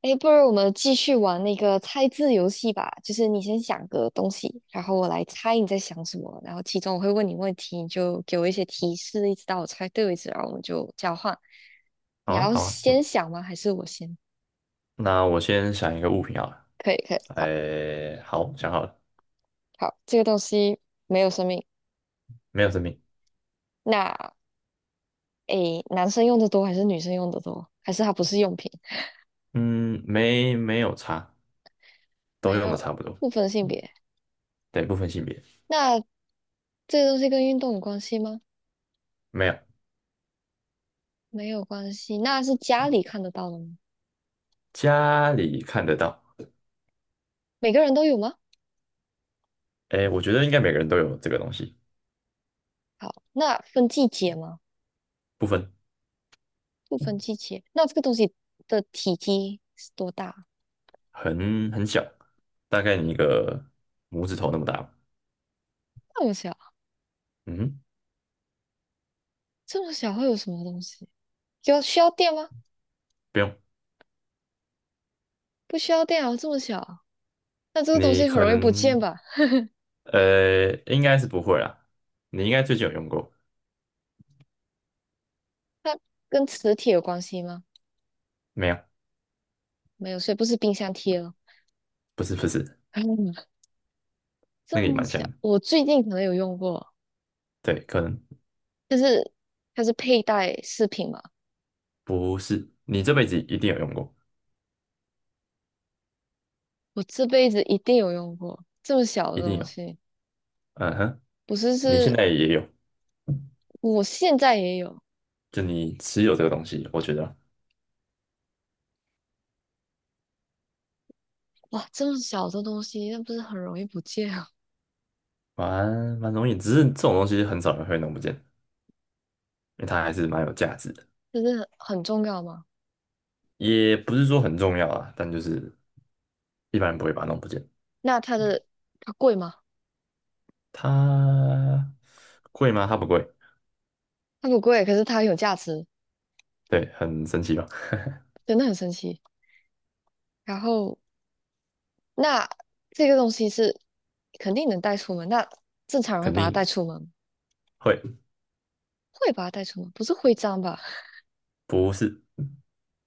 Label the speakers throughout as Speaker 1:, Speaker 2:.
Speaker 1: 哎，不如我们继续玩那个猜字游戏吧。就是你先想个东西，然后我来猜你在想什么，然后其中我会问你问题，你就给我一些提示，一直到我猜对为止，然后我们就交换。你
Speaker 2: 好啊，
Speaker 1: 要
Speaker 2: 好啊，
Speaker 1: 先
Speaker 2: 嗯，
Speaker 1: 想吗？还是我先？
Speaker 2: 那我先想一个物品好了。
Speaker 1: 可以，可以，好，
Speaker 2: 哎，好，想好了。
Speaker 1: 好，这个东西没有生命。
Speaker 2: 没有生命。
Speaker 1: 那诶，男生用的多还是女生用的多？还是它不是用品？
Speaker 2: 嗯，没有差，都
Speaker 1: 没
Speaker 2: 用的
Speaker 1: 有，
Speaker 2: 差不多。
Speaker 1: 不分性别。
Speaker 2: 对，不分性别。
Speaker 1: 那这个东西跟运动有关系吗？
Speaker 2: 没有。
Speaker 1: 没有关系。那是家里看得到的吗？
Speaker 2: 家里看得到。
Speaker 1: 每个人都有吗？
Speaker 2: 哎，我觉得应该每个人都有这个东西。
Speaker 1: 好，那分季节吗？
Speaker 2: 不分。
Speaker 1: 不分季节，那这个东西的体积是多大？
Speaker 2: 很小，大概你一个拇指头那么大吧。
Speaker 1: 那么小，
Speaker 2: 嗯哼。
Speaker 1: 这么小会有什么东西？要需要电吗？
Speaker 2: 不用。
Speaker 1: 不需要电啊，这么小，那这个东
Speaker 2: 你
Speaker 1: 西很
Speaker 2: 可
Speaker 1: 容易不见
Speaker 2: 能，
Speaker 1: 吧？
Speaker 2: 应该是不会啦，你应该最近有用过。
Speaker 1: 跟磁铁有关系吗？
Speaker 2: 没有？
Speaker 1: 没有，所以不是冰箱贴了。
Speaker 2: 不是不是。那
Speaker 1: 这
Speaker 2: 个也
Speaker 1: 么
Speaker 2: 蛮像
Speaker 1: 小，
Speaker 2: 的，
Speaker 1: 我最近可能有用过，
Speaker 2: 对，可能。
Speaker 1: 它是佩戴饰品嘛，
Speaker 2: 不是，你这辈子一定有用过，
Speaker 1: 我这辈子一定有用过这么小
Speaker 2: 一
Speaker 1: 的
Speaker 2: 定
Speaker 1: 东
Speaker 2: 有。
Speaker 1: 西，
Speaker 2: 嗯哼。
Speaker 1: 不是
Speaker 2: 你现
Speaker 1: 是，
Speaker 2: 在也有，
Speaker 1: 我现在也有，
Speaker 2: 就你持有这个东西，我觉得。
Speaker 1: 哇，这么小的东西，那不是很容易不见啊？
Speaker 2: 蛮蛮容易，只是这种东西很少人会弄不见，因为它还是蛮有价值的。
Speaker 1: 真的很重要吗？
Speaker 2: 也不是说很重要啊，但就是一般人不会把它弄不见。
Speaker 1: 那它的它贵吗？
Speaker 2: 它贵吗？它不贵。
Speaker 1: 它不贵，可是它很有价值，
Speaker 2: 对，很神奇吧？
Speaker 1: 真的很神奇。然后，那这个东西是肯定能带出门，那正常人会
Speaker 2: 肯
Speaker 1: 把它
Speaker 2: 定
Speaker 1: 带
Speaker 2: 的，
Speaker 1: 出门，
Speaker 2: 会。
Speaker 1: 会把它带出门，不是徽章吧？
Speaker 2: 不是，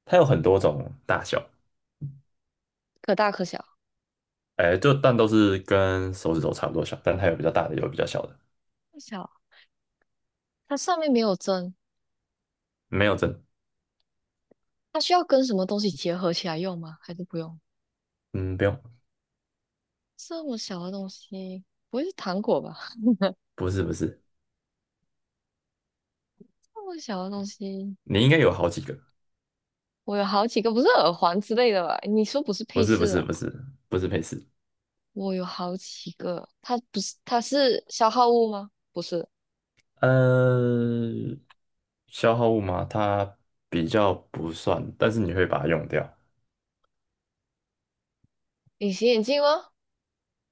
Speaker 2: 它有很多种大小。
Speaker 1: 可大可小，
Speaker 2: 哎，就但都是跟手指头差不多小，但它有比较大的，有比较小的。
Speaker 1: 不小。它上面没有针，
Speaker 2: 没有针。
Speaker 1: 它需要跟什么东西结合起来用吗？还是不用？
Speaker 2: 嗯，不用。
Speaker 1: 这么小的东西，不会是糖果吧？
Speaker 2: 不是不是。
Speaker 1: 这么小的东西。
Speaker 2: 你应该有好几个。
Speaker 1: 我有好几个，不是耳环之类的吧？你说不是
Speaker 2: 不
Speaker 1: 配
Speaker 2: 是不
Speaker 1: 饰
Speaker 2: 是
Speaker 1: 的，
Speaker 2: 不是不是配饰。
Speaker 1: 我有好几个。它不是，它是消耗物吗？不是，
Speaker 2: 呃，消耗物嘛，它比较不算，但是你会把它用掉。
Speaker 1: 隐形眼镜吗？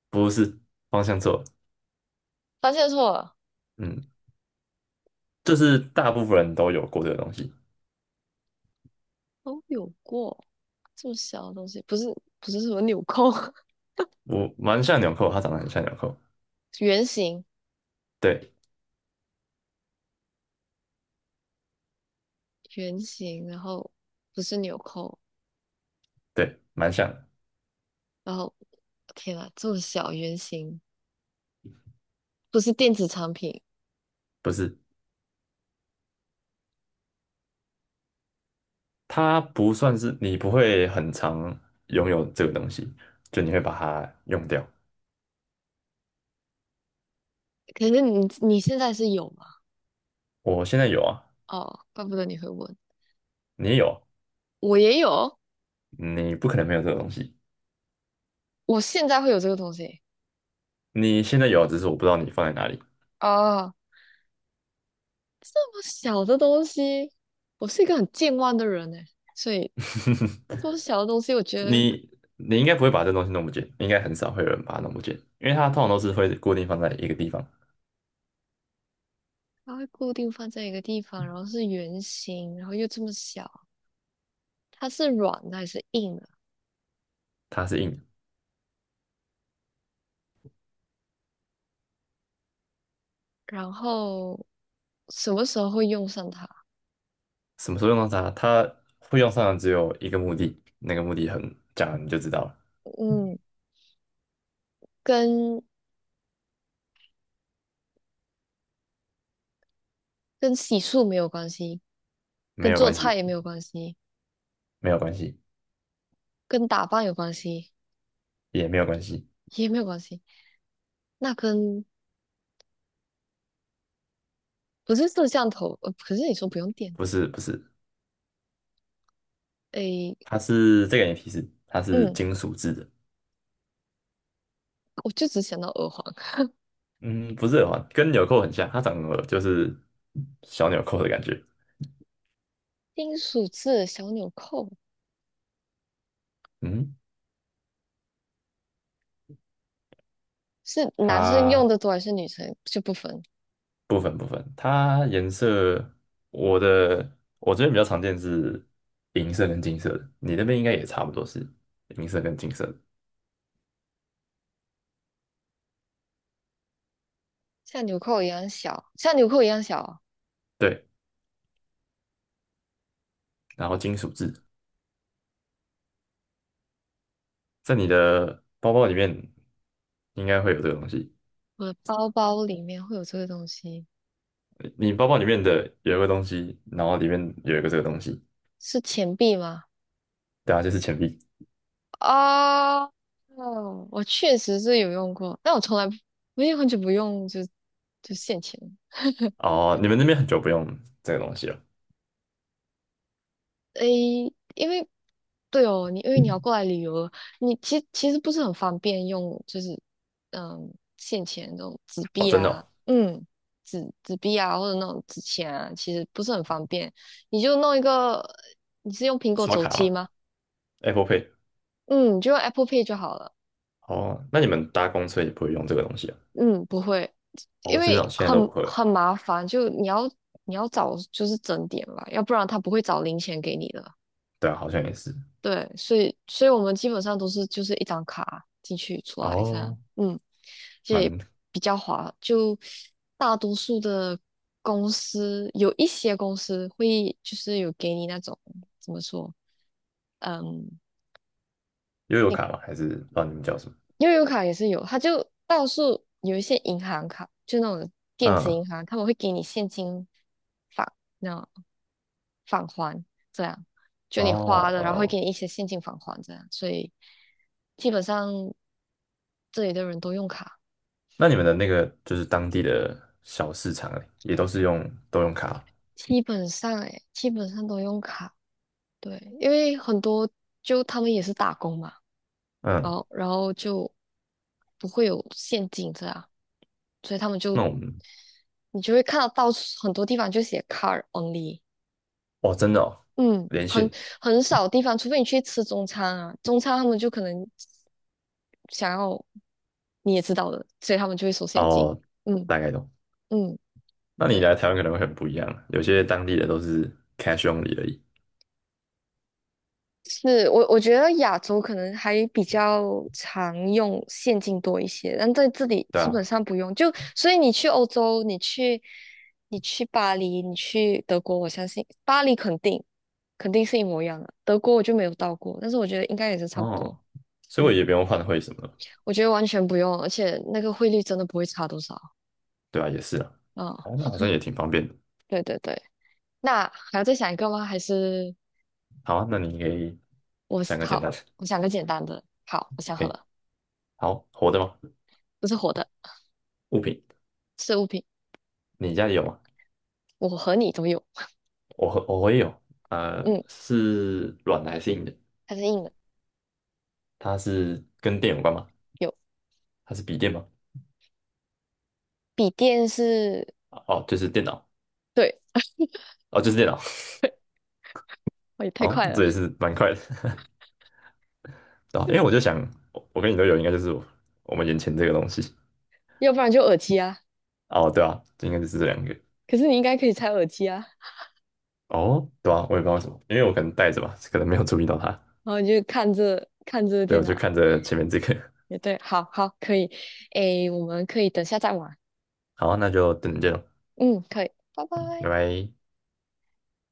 Speaker 2: 不是，方向错了。
Speaker 1: 发现错了，
Speaker 2: 嗯，就是大部分人都有过这个东西。
Speaker 1: 都有过这么小的东西，不是不是什么纽扣，
Speaker 2: 我蛮像纽扣，它长得很像纽扣。
Speaker 1: 圆形
Speaker 2: 对
Speaker 1: 圆形，然后不是纽扣，
Speaker 2: 对，蛮像的。
Speaker 1: 然后天呐，这么小圆形，不是电子产品。
Speaker 2: 不是，它不算是你不会很常拥有这个东西，就你会把它用掉。
Speaker 1: 可是你现在是有吗？
Speaker 2: 我现在有啊。
Speaker 1: 哦，怪不得你会问，
Speaker 2: 你也有啊，
Speaker 1: 我也有，
Speaker 2: 你不可能没有这个东西。
Speaker 1: 我现在会有这个东西。
Speaker 2: 你现在有啊，只是我不知道你放在哪里。
Speaker 1: 哦，这么小的东西，我是一个很健忘的人呢，所以 这么小的东西，我觉得
Speaker 2: 你你应该不会把这东西弄不见，应该很少会有人把它弄不见，因为它通常都是会固定放在一个地方。
Speaker 1: 它会固定放在一个地方，然后是圆形，然后又这么小，它是软的还是硬的？
Speaker 2: 它是硬的。
Speaker 1: 然后什么时候会用上它？
Speaker 2: 什么时候用到它？它会用上的只有一个目的，那个目的很，讲了你就知道了。
Speaker 1: 嗯，跟跟洗漱没有关系，
Speaker 2: 没
Speaker 1: 跟
Speaker 2: 有
Speaker 1: 做
Speaker 2: 关
Speaker 1: 菜
Speaker 2: 系。
Speaker 1: 也没有关系，
Speaker 2: 没有关系。
Speaker 1: 跟打扮有关系
Speaker 2: 也没有关系。
Speaker 1: 也没有关系。那跟不是摄像头，可是你说不用电，
Speaker 2: 不是不是，
Speaker 1: 诶，
Speaker 2: 它是这个给你提示，它是
Speaker 1: 嗯，
Speaker 2: 金属制的。
Speaker 1: 我就只想到耳环。
Speaker 2: 嗯，不是耳环，跟纽扣很像，它长得就是小纽扣的感觉。
Speaker 1: 金属制的小纽扣，
Speaker 2: 嗯，
Speaker 1: 是男生用
Speaker 2: 它
Speaker 1: 的多还是女生就不分？
Speaker 2: 部分部分，它颜色。我的我这边比较常见是银色跟金色的，你那边应该也差不多是银色跟金色的。
Speaker 1: 像纽扣一样小，像纽扣一样小哦
Speaker 2: 对，然后金属质在你的包包里面应该会有这个东西。
Speaker 1: 我的包包里面会有这个东西，
Speaker 2: 你包包里面的有一个东西，然后里面有一个这个东西。
Speaker 1: 是钱币吗？
Speaker 2: 对啊，就是钱币。
Speaker 1: 啊，哦，我确实是有用过，但我从来不，我也很久不用就就现钱。
Speaker 2: 哦，你们那边很久不用这个东西了。
Speaker 1: 诶，因为对哦，你因为你要过来旅游，你其实不是很方便用，就是嗯，现钱这种纸
Speaker 2: 哦，
Speaker 1: 币
Speaker 2: 真的
Speaker 1: 啊，
Speaker 2: 哦。
Speaker 1: 嗯，纸币啊，或者那种纸钱啊，其实不是很方便。你就弄一个，你是用苹果
Speaker 2: 刷
Speaker 1: 手
Speaker 2: 卡
Speaker 1: 机
Speaker 2: 嘛
Speaker 1: 吗？
Speaker 2: ，Apple Pay。
Speaker 1: 嗯，你就用 Apple Pay 就好了。
Speaker 2: 哦，那你们搭公车也不会用这个东西啊？
Speaker 1: 嗯，不会，因
Speaker 2: 哦，真的哦，
Speaker 1: 为
Speaker 2: 现在都
Speaker 1: 很
Speaker 2: 不会了。
Speaker 1: 很麻烦，就你要你要找就是整点吧，要不然他不会找零钱给你的。
Speaker 2: 对啊，好像也是。
Speaker 1: 对，所以我们基本上都是就是一张卡进去出来这样，
Speaker 2: 哦，
Speaker 1: 嗯，这也
Speaker 2: 蛮。
Speaker 1: 比较划。就大多数的公司，有一些公司会就是有给你那种怎么说，嗯。
Speaker 2: 悠游卡吗？还是不知道你们叫什么？
Speaker 1: 悠游卡也是有，他就到处有一些银行卡，就那种
Speaker 2: 嗯，
Speaker 1: 电子银
Speaker 2: 哦。
Speaker 1: 行，他们会给你现金返，那种返还这样，就你花了，然后会给
Speaker 2: 哦，
Speaker 1: 你一些现金返还这样，所以基本上这里的人都用卡，
Speaker 2: 那你们的那个就是当地的小市场欸，也都是用，都用卡？
Speaker 1: 基本上诶，基本上都用卡，对，因为很多就他们也是打工嘛，然
Speaker 2: 嗯，
Speaker 1: 后然后就不会有现金这样，所以他们就
Speaker 2: 那我们。
Speaker 1: 你就会看到到处很多地方就写 car only，
Speaker 2: 哦，真的哦，
Speaker 1: 嗯，
Speaker 2: 连
Speaker 1: 很
Speaker 2: 线。
Speaker 1: 很少地方，除非你去吃中餐啊，中餐他们就可能想要你也知道的，所以他们就会收现金。
Speaker 2: 哦，
Speaker 1: 嗯
Speaker 2: 大概懂。
Speaker 1: 嗯，
Speaker 2: 那你
Speaker 1: 对，
Speaker 2: 来台湾可能会很不一样，有些当地的都是 cash only 而已。
Speaker 1: 是我，我觉得亚洲可能还比较常用现金多一些，但在这里
Speaker 2: 对
Speaker 1: 基本
Speaker 2: 啊。
Speaker 1: 上不用。就所以你去欧洲，你去巴黎，你去德国，我相信巴黎肯定是一模一样的。德国我就没有到过，但是我觉得应该也是差不多。
Speaker 2: 哦，所以我
Speaker 1: 嗯，
Speaker 2: 也不用换汇什么的。
Speaker 1: 我觉得完全不用，而且那个汇率真的不会差多少。
Speaker 2: 对吧？也是啊。
Speaker 1: 啊、
Speaker 2: 哦，那好像也挺方便的。
Speaker 1: 对对对。那还要再想一个吗？还是
Speaker 2: 好啊，那你可以
Speaker 1: 我
Speaker 2: 想个简
Speaker 1: 好，
Speaker 2: 单的。
Speaker 1: 我想个简单的。好，我想
Speaker 2: 可
Speaker 1: 好
Speaker 2: 以。
Speaker 1: 了，
Speaker 2: 好，活的吗？
Speaker 1: 不是活的，
Speaker 2: 物品。
Speaker 1: 是物品，
Speaker 2: 你家里有吗？
Speaker 1: 我和你都有。
Speaker 2: 我我也有。呃，
Speaker 1: 嗯，
Speaker 2: 是软的还是硬的？
Speaker 1: 它是硬的，
Speaker 2: 它是跟电有关吗？
Speaker 1: 有
Speaker 2: 它是笔电吗？
Speaker 1: 笔电是，
Speaker 2: 哦，就是电脑。
Speaker 1: 对，
Speaker 2: 哦，就是电脑。
Speaker 1: 哦也 太
Speaker 2: 哦，
Speaker 1: 快了，
Speaker 2: 这也 是蛮快的。对啊，因为我就想，我跟你都有，应该就是我们眼前这个东西。
Speaker 1: 要不然就耳机啊。
Speaker 2: 哦，对啊，应该就是这两个。
Speaker 1: 可是你应该可以拆耳机啊，
Speaker 2: 哦，对啊，我也不知道为什么，因为我可能戴着吧，可能没有注意到它。
Speaker 1: 然后你就看着
Speaker 2: 对，
Speaker 1: 电
Speaker 2: 我就
Speaker 1: 脑，
Speaker 2: 看着前面这个。
Speaker 1: 也对，好好可以，诶，我们可以等下再玩，
Speaker 2: 好，那就等着见咯，
Speaker 1: 嗯，可以，拜
Speaker 2: 拜
Speaker 1: 拜。
Speaker 2: 拜。